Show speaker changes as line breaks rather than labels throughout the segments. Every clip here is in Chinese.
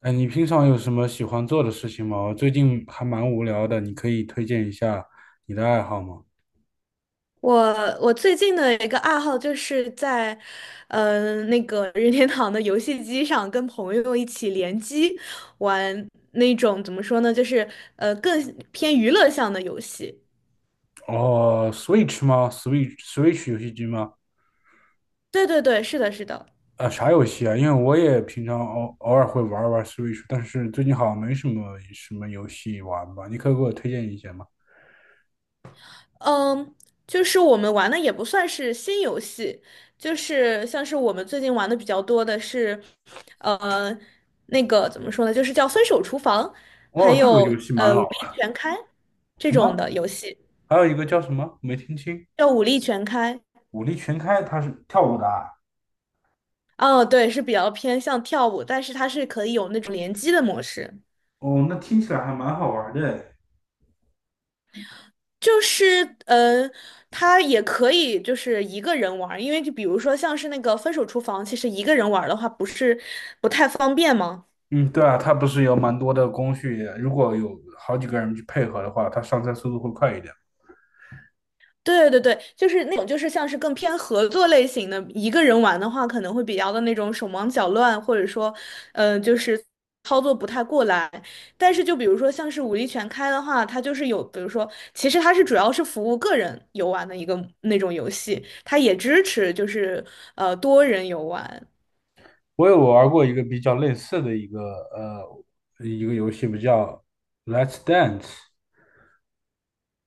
哎，你平常有什么喜欢做的事情吗？我最近还蛮无聊的，你可以推荐一下你的爱好吗？
我我最近的一个爱好就是在那个任天堂的游戏机上跟朋友一起联机玩那种怎么说呢，就是更偏娱乐向的游戏。
哦，Switch 吗？Switch 游戏机吗？
对对对，是的，是的，
啊，啥游戏啊？因为我也平常偶偶尔会玩玩 Switch，但是最近好像没什么什么游戏玩吧？你可以给我推荐一些吗？
嗯，就是我们玩的也不算是新游戏，就是像是我们最近玩的比较多的是，呃，那个怎么说呢，就是叫《分手厨房》，还
哦，这个游
有
戏蛮
《武
老
力
了。
全开》这
什
种的
么？
游戏。
还有一个叫什么？没听清。
要武力全开。
武力全开，它是跳舞的啊。
哦，对，是比较偏向跳舞，但是它是可以有那种联机的模式，
哦，那听起来还蛮好玩的诶。
就是它也可以就是一个人玩儿，因为就比如说像是那个分手厨房，其实一个人玩儿的话不是不太方便吗？
嗯，对啊，它不是有蛮多的工序，如果有好几个人去配合的话，它上菜速度会快一点。
对对对，就是那种，就是像是更偏合作类型的，一个人玩的话，可能会比较的那种手忙脚乱，或者说，就是操作不太过来。但是就比如说像是武力全开的话，它就是有，比如说，其实它是主要是服务个人游玩的一个那种游戏，它也支持就是多人游玩，
我有玩过一个比较类似的一个呃一个游戏，不叫《Let's Dance》，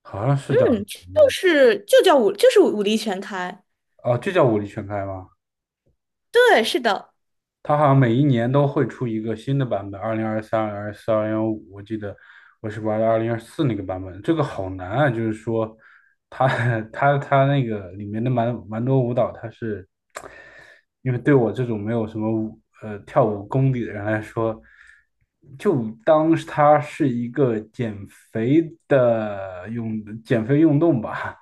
好像是叫。
就是武力全开，
哦，就叫舞力全开吗？
对，是的。
它好像每一年都会出一个新的版本，2023、二零二四、2025。我记得我是玩的二零二四那个版本，这个好难啊！就是说，它 它那个里面的蛮蛮多舞蹈，它是因为对我这种没有什么跳舞功底的人来说，就当是它是一个减肥的用减肥运动吧。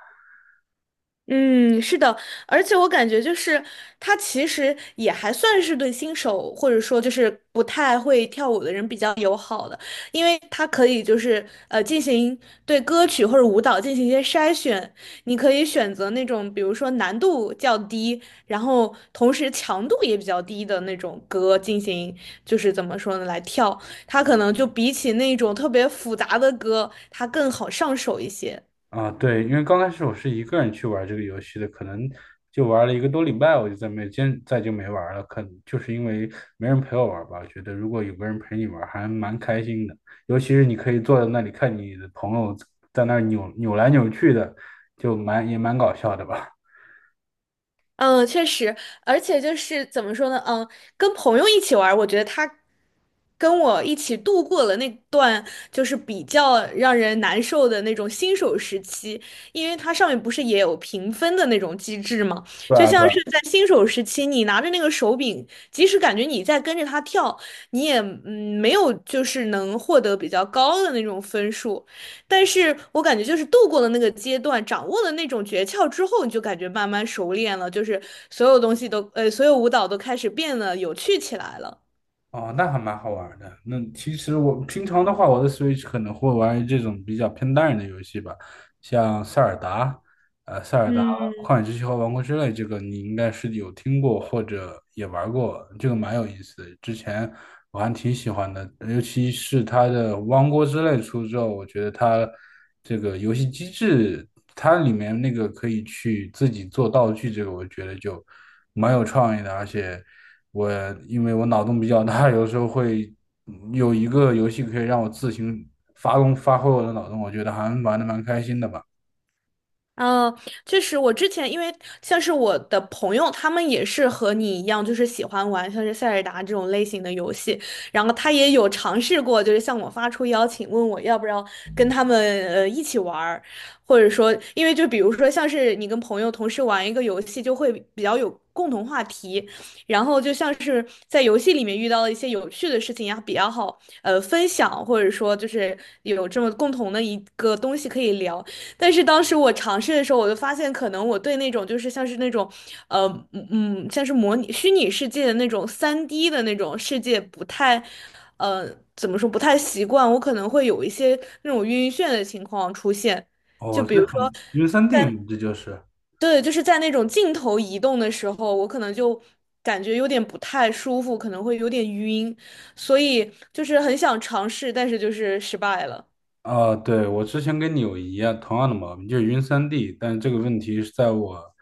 嗯，是的，而且我感觉就是他其实也还算是对新手或者说就是不太会跳舞的人比较友好的，因为他可以就是进行对歌曲或者舞蹈进行一些筛选，你可以选择那种比如说难度较低，然后同时强度也比较低的那种歌进行就是怎么说呢来跳，它可能就比起那种特别复杂的歌，它更好上手一些。
啊，对，因为刚开始我是一个人去玩这个游戏的，可能就玩了一个多礼拜，我就再没坚，再就没玩了。可能就是因为没人陪我玩吧，我觉得如果有个人陪你玩，还蛮开心的。尤其是你可以坐在那里看你的朋友在那儿扭扭来扭去的，就蛮也蛮搞笑的吧。
嗯，确实，而且就是怎么说呢，跟朋友一起玩儿我觉得他跟我一起度过了那段就是比较让人难受的那种新手时期，因为它上面不是也有评分的那种机制嘛，
对对
就
啊，
像
对啊。
是在新手时期，你拿着那个手柄，即使感觉你在跟着他跳，你也没有就是能获得比较高的那种分数。但是我感觉就是度过了那个阶段，掌握了那种诀窍之后，你就感觉慢慢熟练了，就是所有舞蹈都开始变得有趣起来了。
哦，那还蛮好玩儿的。那其实我平常的话，我的 Switch 可能会玩这种比较偏单人的游戏吧，像塞尔达，塞尔达、
嗯，
旷野之息和王国之泪，这个你应该是有听过或者也玩过，这个蛮有意思的。之前我还挺喜欢的，尤其是它的王国之泪出之后，我觉得它这个游戏机制，它里面那个可以去自己做道具，这个我觉得就蛮有创意的，而且。我因为我脑洞比较大，有时候会有一个游戏可以让我自行发挥我的脑洞，我觉得还玩的蛮开心的吧。
嗯，确实，我之前因为像是我的朋友，他们也是和你一样，就是喜欢玩像是塞尔达这种类型的游戏，然后他也有尝试过，就是向我发出邀请，问我要不要跟他们一起玩儿或者说，因为就比如说像是你跟朋友同时玩一个游戏，就会比较有共同话题，然后就像是在游戏里面遇到了一些有趣的事情呀，比较好分享，或者说就是有这么共同的一个东西可以聊。但是当时我尝试的时候，我就发现，可能我对那种就是像是那种，呃，像是模拟虚拟世界的那种3D 的那种世界不太，呃，怎么说不太习惯，我可能会有一些那种晕眩的情况出现。就
哦，
比
是
如说，
很晕三 D 嘛，这就是。
对，就是在那种镜头移动的时候，我可能就感觉有点不太舒服，可能会有点晕，所以就是很想尝试，但是就是失败了。
啊、对，我之前跟你有一样同样的毛病，就是晕三 D,但这个问题是在我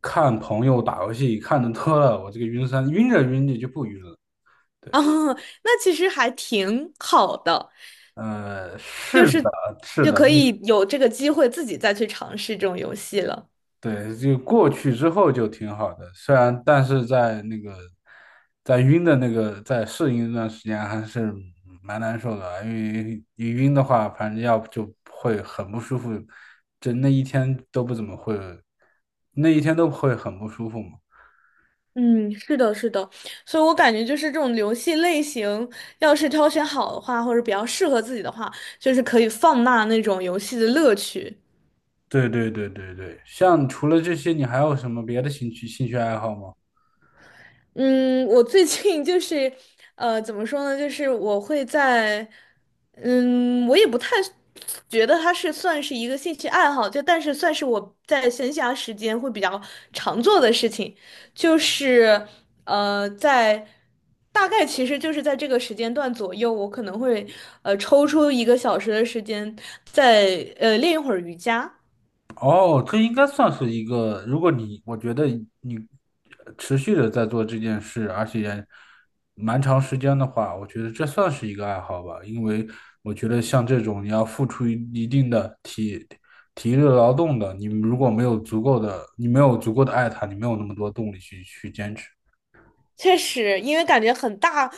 看朋友打游戏看的多了，我这个晕三晕着晕着就不晕了。对，
啊，那其实还挺好的。就
是的，
是
是
就
的。
可以有这个机会自己再去尝试这种游戏了。
对，就过去之后就挺好的，虽然但是在那个在晕的那个在适应一段时间还是蛮难受的啊，因为一晕的话，反正要不就会很不舒服，就那一天都不怎么会，那一天都会很不舒服嘛。
嗯，是的，是的，所以我感觉就是这种游戏类型，要是挑选好的话，或者比较适合自己的话，就是可以放大那种游戏的乐趣。
对对对对对，像除了这些，你还有什么别的兴趣爱好吗？
嗯，我最近就是，怎么说呢？就是我会在，我也不太觉得它是算是一个兴趣爱好，就但是算是我在闲暇时间会比较常做的事情，就是，在大概其实就是在这个时间段左右，我可能会抽出1个小时的时间，再练一会儿瑜伽。
哦，这应该算是一个，如果你，我觉得你持续的在做这件事，而且蛮长时间的话，我觉得这算是一个爱好吧。因为我觉得像这种你要付出一定的体力劳动的，你如果没有足够的，你没有足够的爱它，你没有那么多动力去坚持。
确实，因为感觉很大，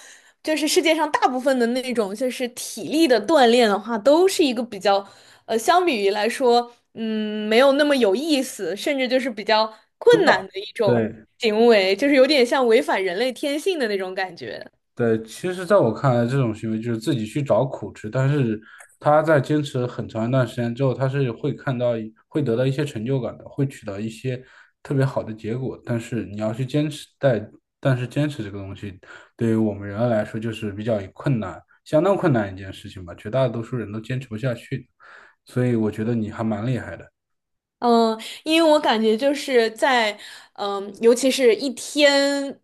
就是世界上大部分的那种就是体力的锻炼的话，都是一个比较，相比于来说，没有那么有意思，甚至就是比较
枯
困
燥，
难的一种
对。
行为，就是有点像违反人类天性的那种感觉。
对，其实在我看来，这种行为就是自己去找苦吃，但是他在坚持很长一段时间之后，他是会看到一会得到一些成就感的，会取得一些特别好的结果。但是你要去坚持，但是坚持这个东西，对于我们人来说就是比较困难，相当困难一件事情吧，绝大多数人都坚持不下去。所以我觉得你还蛮厉害的。
嗯，因为我感觉就是在，尤其是一天，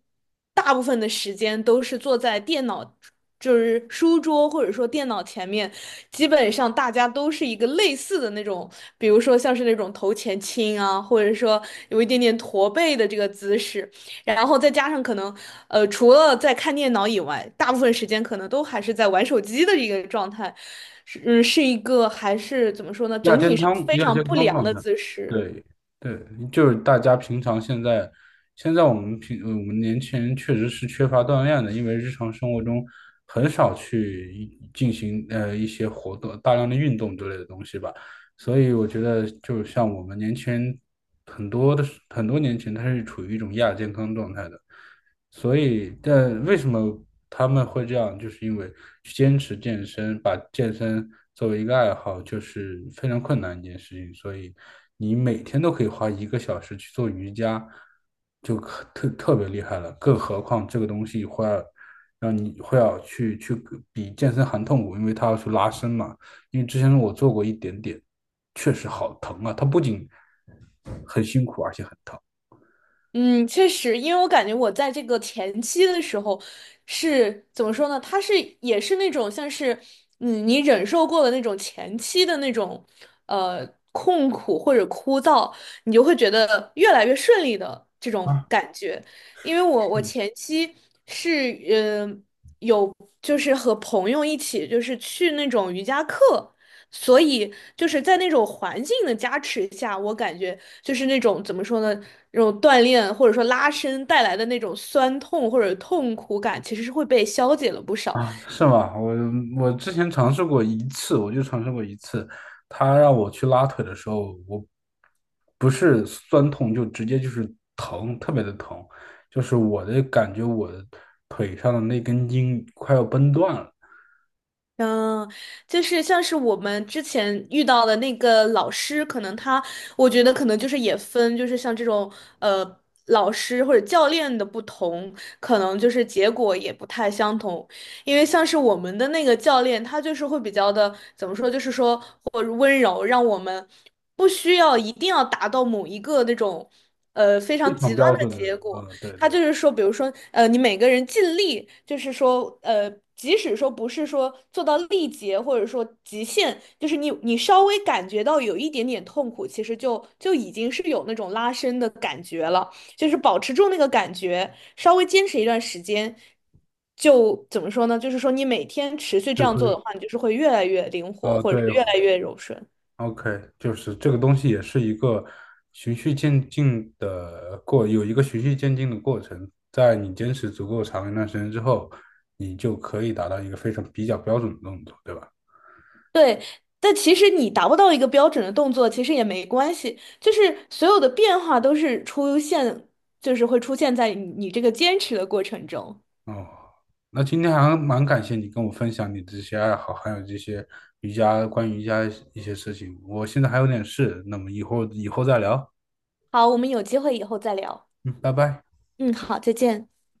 大部分的时间都是坐在电脑，就是书桌或者说电脑前面，基本上大家都是一个类似的那种，比如说像是那种头前倾啊，或者说有一点点驼背的这个姿势。然后再加上可能，除了在看电脑以外，大部分时间可能都还是在玩手机的一个状态，是一个还是怎么说呢？
亚
整体
健
是
康
非
亚
常
健
不
康
良
状
的
态，
姿势。
对对。就是大家平常现在，现在我们我们年轻人确实是缺乏锻炼的，因为日常生活中很少去进行一些活动，大量的运动之类的东西吧，所以我觉得就是像我们年轻人很多的很多年轻人他是处于一种亚健康状态的，所以，但为什么他们会这样？就是因为去坚持健身，把健身作为一个爱好，就是非常困难一件事情。所以，你每天都可以花一个小时去做瑜伽，就可特别厉害了。更何况这个东西会要让你会要去比健身还痛苦，因为它要去拉伸嘛。因为之前我做过一点点，确实好疼啊！它不仅很辛苦，而且很疼。
嗯，确实，因为我感觉我在这个前期的时候是怎么说呢？它是也是那种像是你忍受过的那种前期的那种呃痛苦或者枯燥，你就会觉得越来越顺利的这种
啊。
感觉。因为我前期是嗯。呃就是和朋友一起，就是去那种瑜伽课，所以就是在那种环境的加持下，我感觉就是那种怎么说呢，那种锻炼或者说拉伸带来的那种酸痛或者痛苦感，其实是会被消解了不少。
啊，是吗？我之前尝试过一次，我就尝试过一次，他让我去拉腿的时候，我不是酸痛，就直接就是疼，特别的疼，就是我的感觉，我的腿上的那根筋快要崩断了。
嗯，就是像是我们之前遇到的那个老师，可能他，我觉得可能就是也分，就是像这种呃老师或者教练的不同，可能就是结果也不太相同。因为像是我们的那个教练，他就是会比较的怎么说，就是说或者温柔，让我们不需要一定要达到某一个那种非常
非常
极端
标
的
准的，
结果。
呃，对
他
对。
就是说，比如说，你每个人尽力，就是说，即使说不是说做到力竭，或者说极限，就是你稍微感觉到有一点点痛苦，其实就已经是有那种拉伸的感觉了，就是保持住那个感觉，稍微坚持一段时间，就怎么说呢？就是说你每天持续这
就
样
可
做的
以，
话，你就是会越来越灵活，
呃，
或者说
对，
越来越柔顺。
OK,就是这个东西也是一个循序渐进的过，有一个循序渐进的过程，在你坚持足够长一段时间之后，你就可以达到一个非常比较标准的动作，对吧？
对，但其实你达不到一个标准的动作，其实也没关系，就是所有的变化都是出现，就是会出现在你这个坚持的过程中。
哦，那今天还蛮感谢你跟我分享你的这些爱好，还有这些瑜伽，关于瑜伽一些事情。我现在还有点事，那么以后再聊。
好，我们有机会以后再聊。
嗯，拜拜。
嗯，好，再见。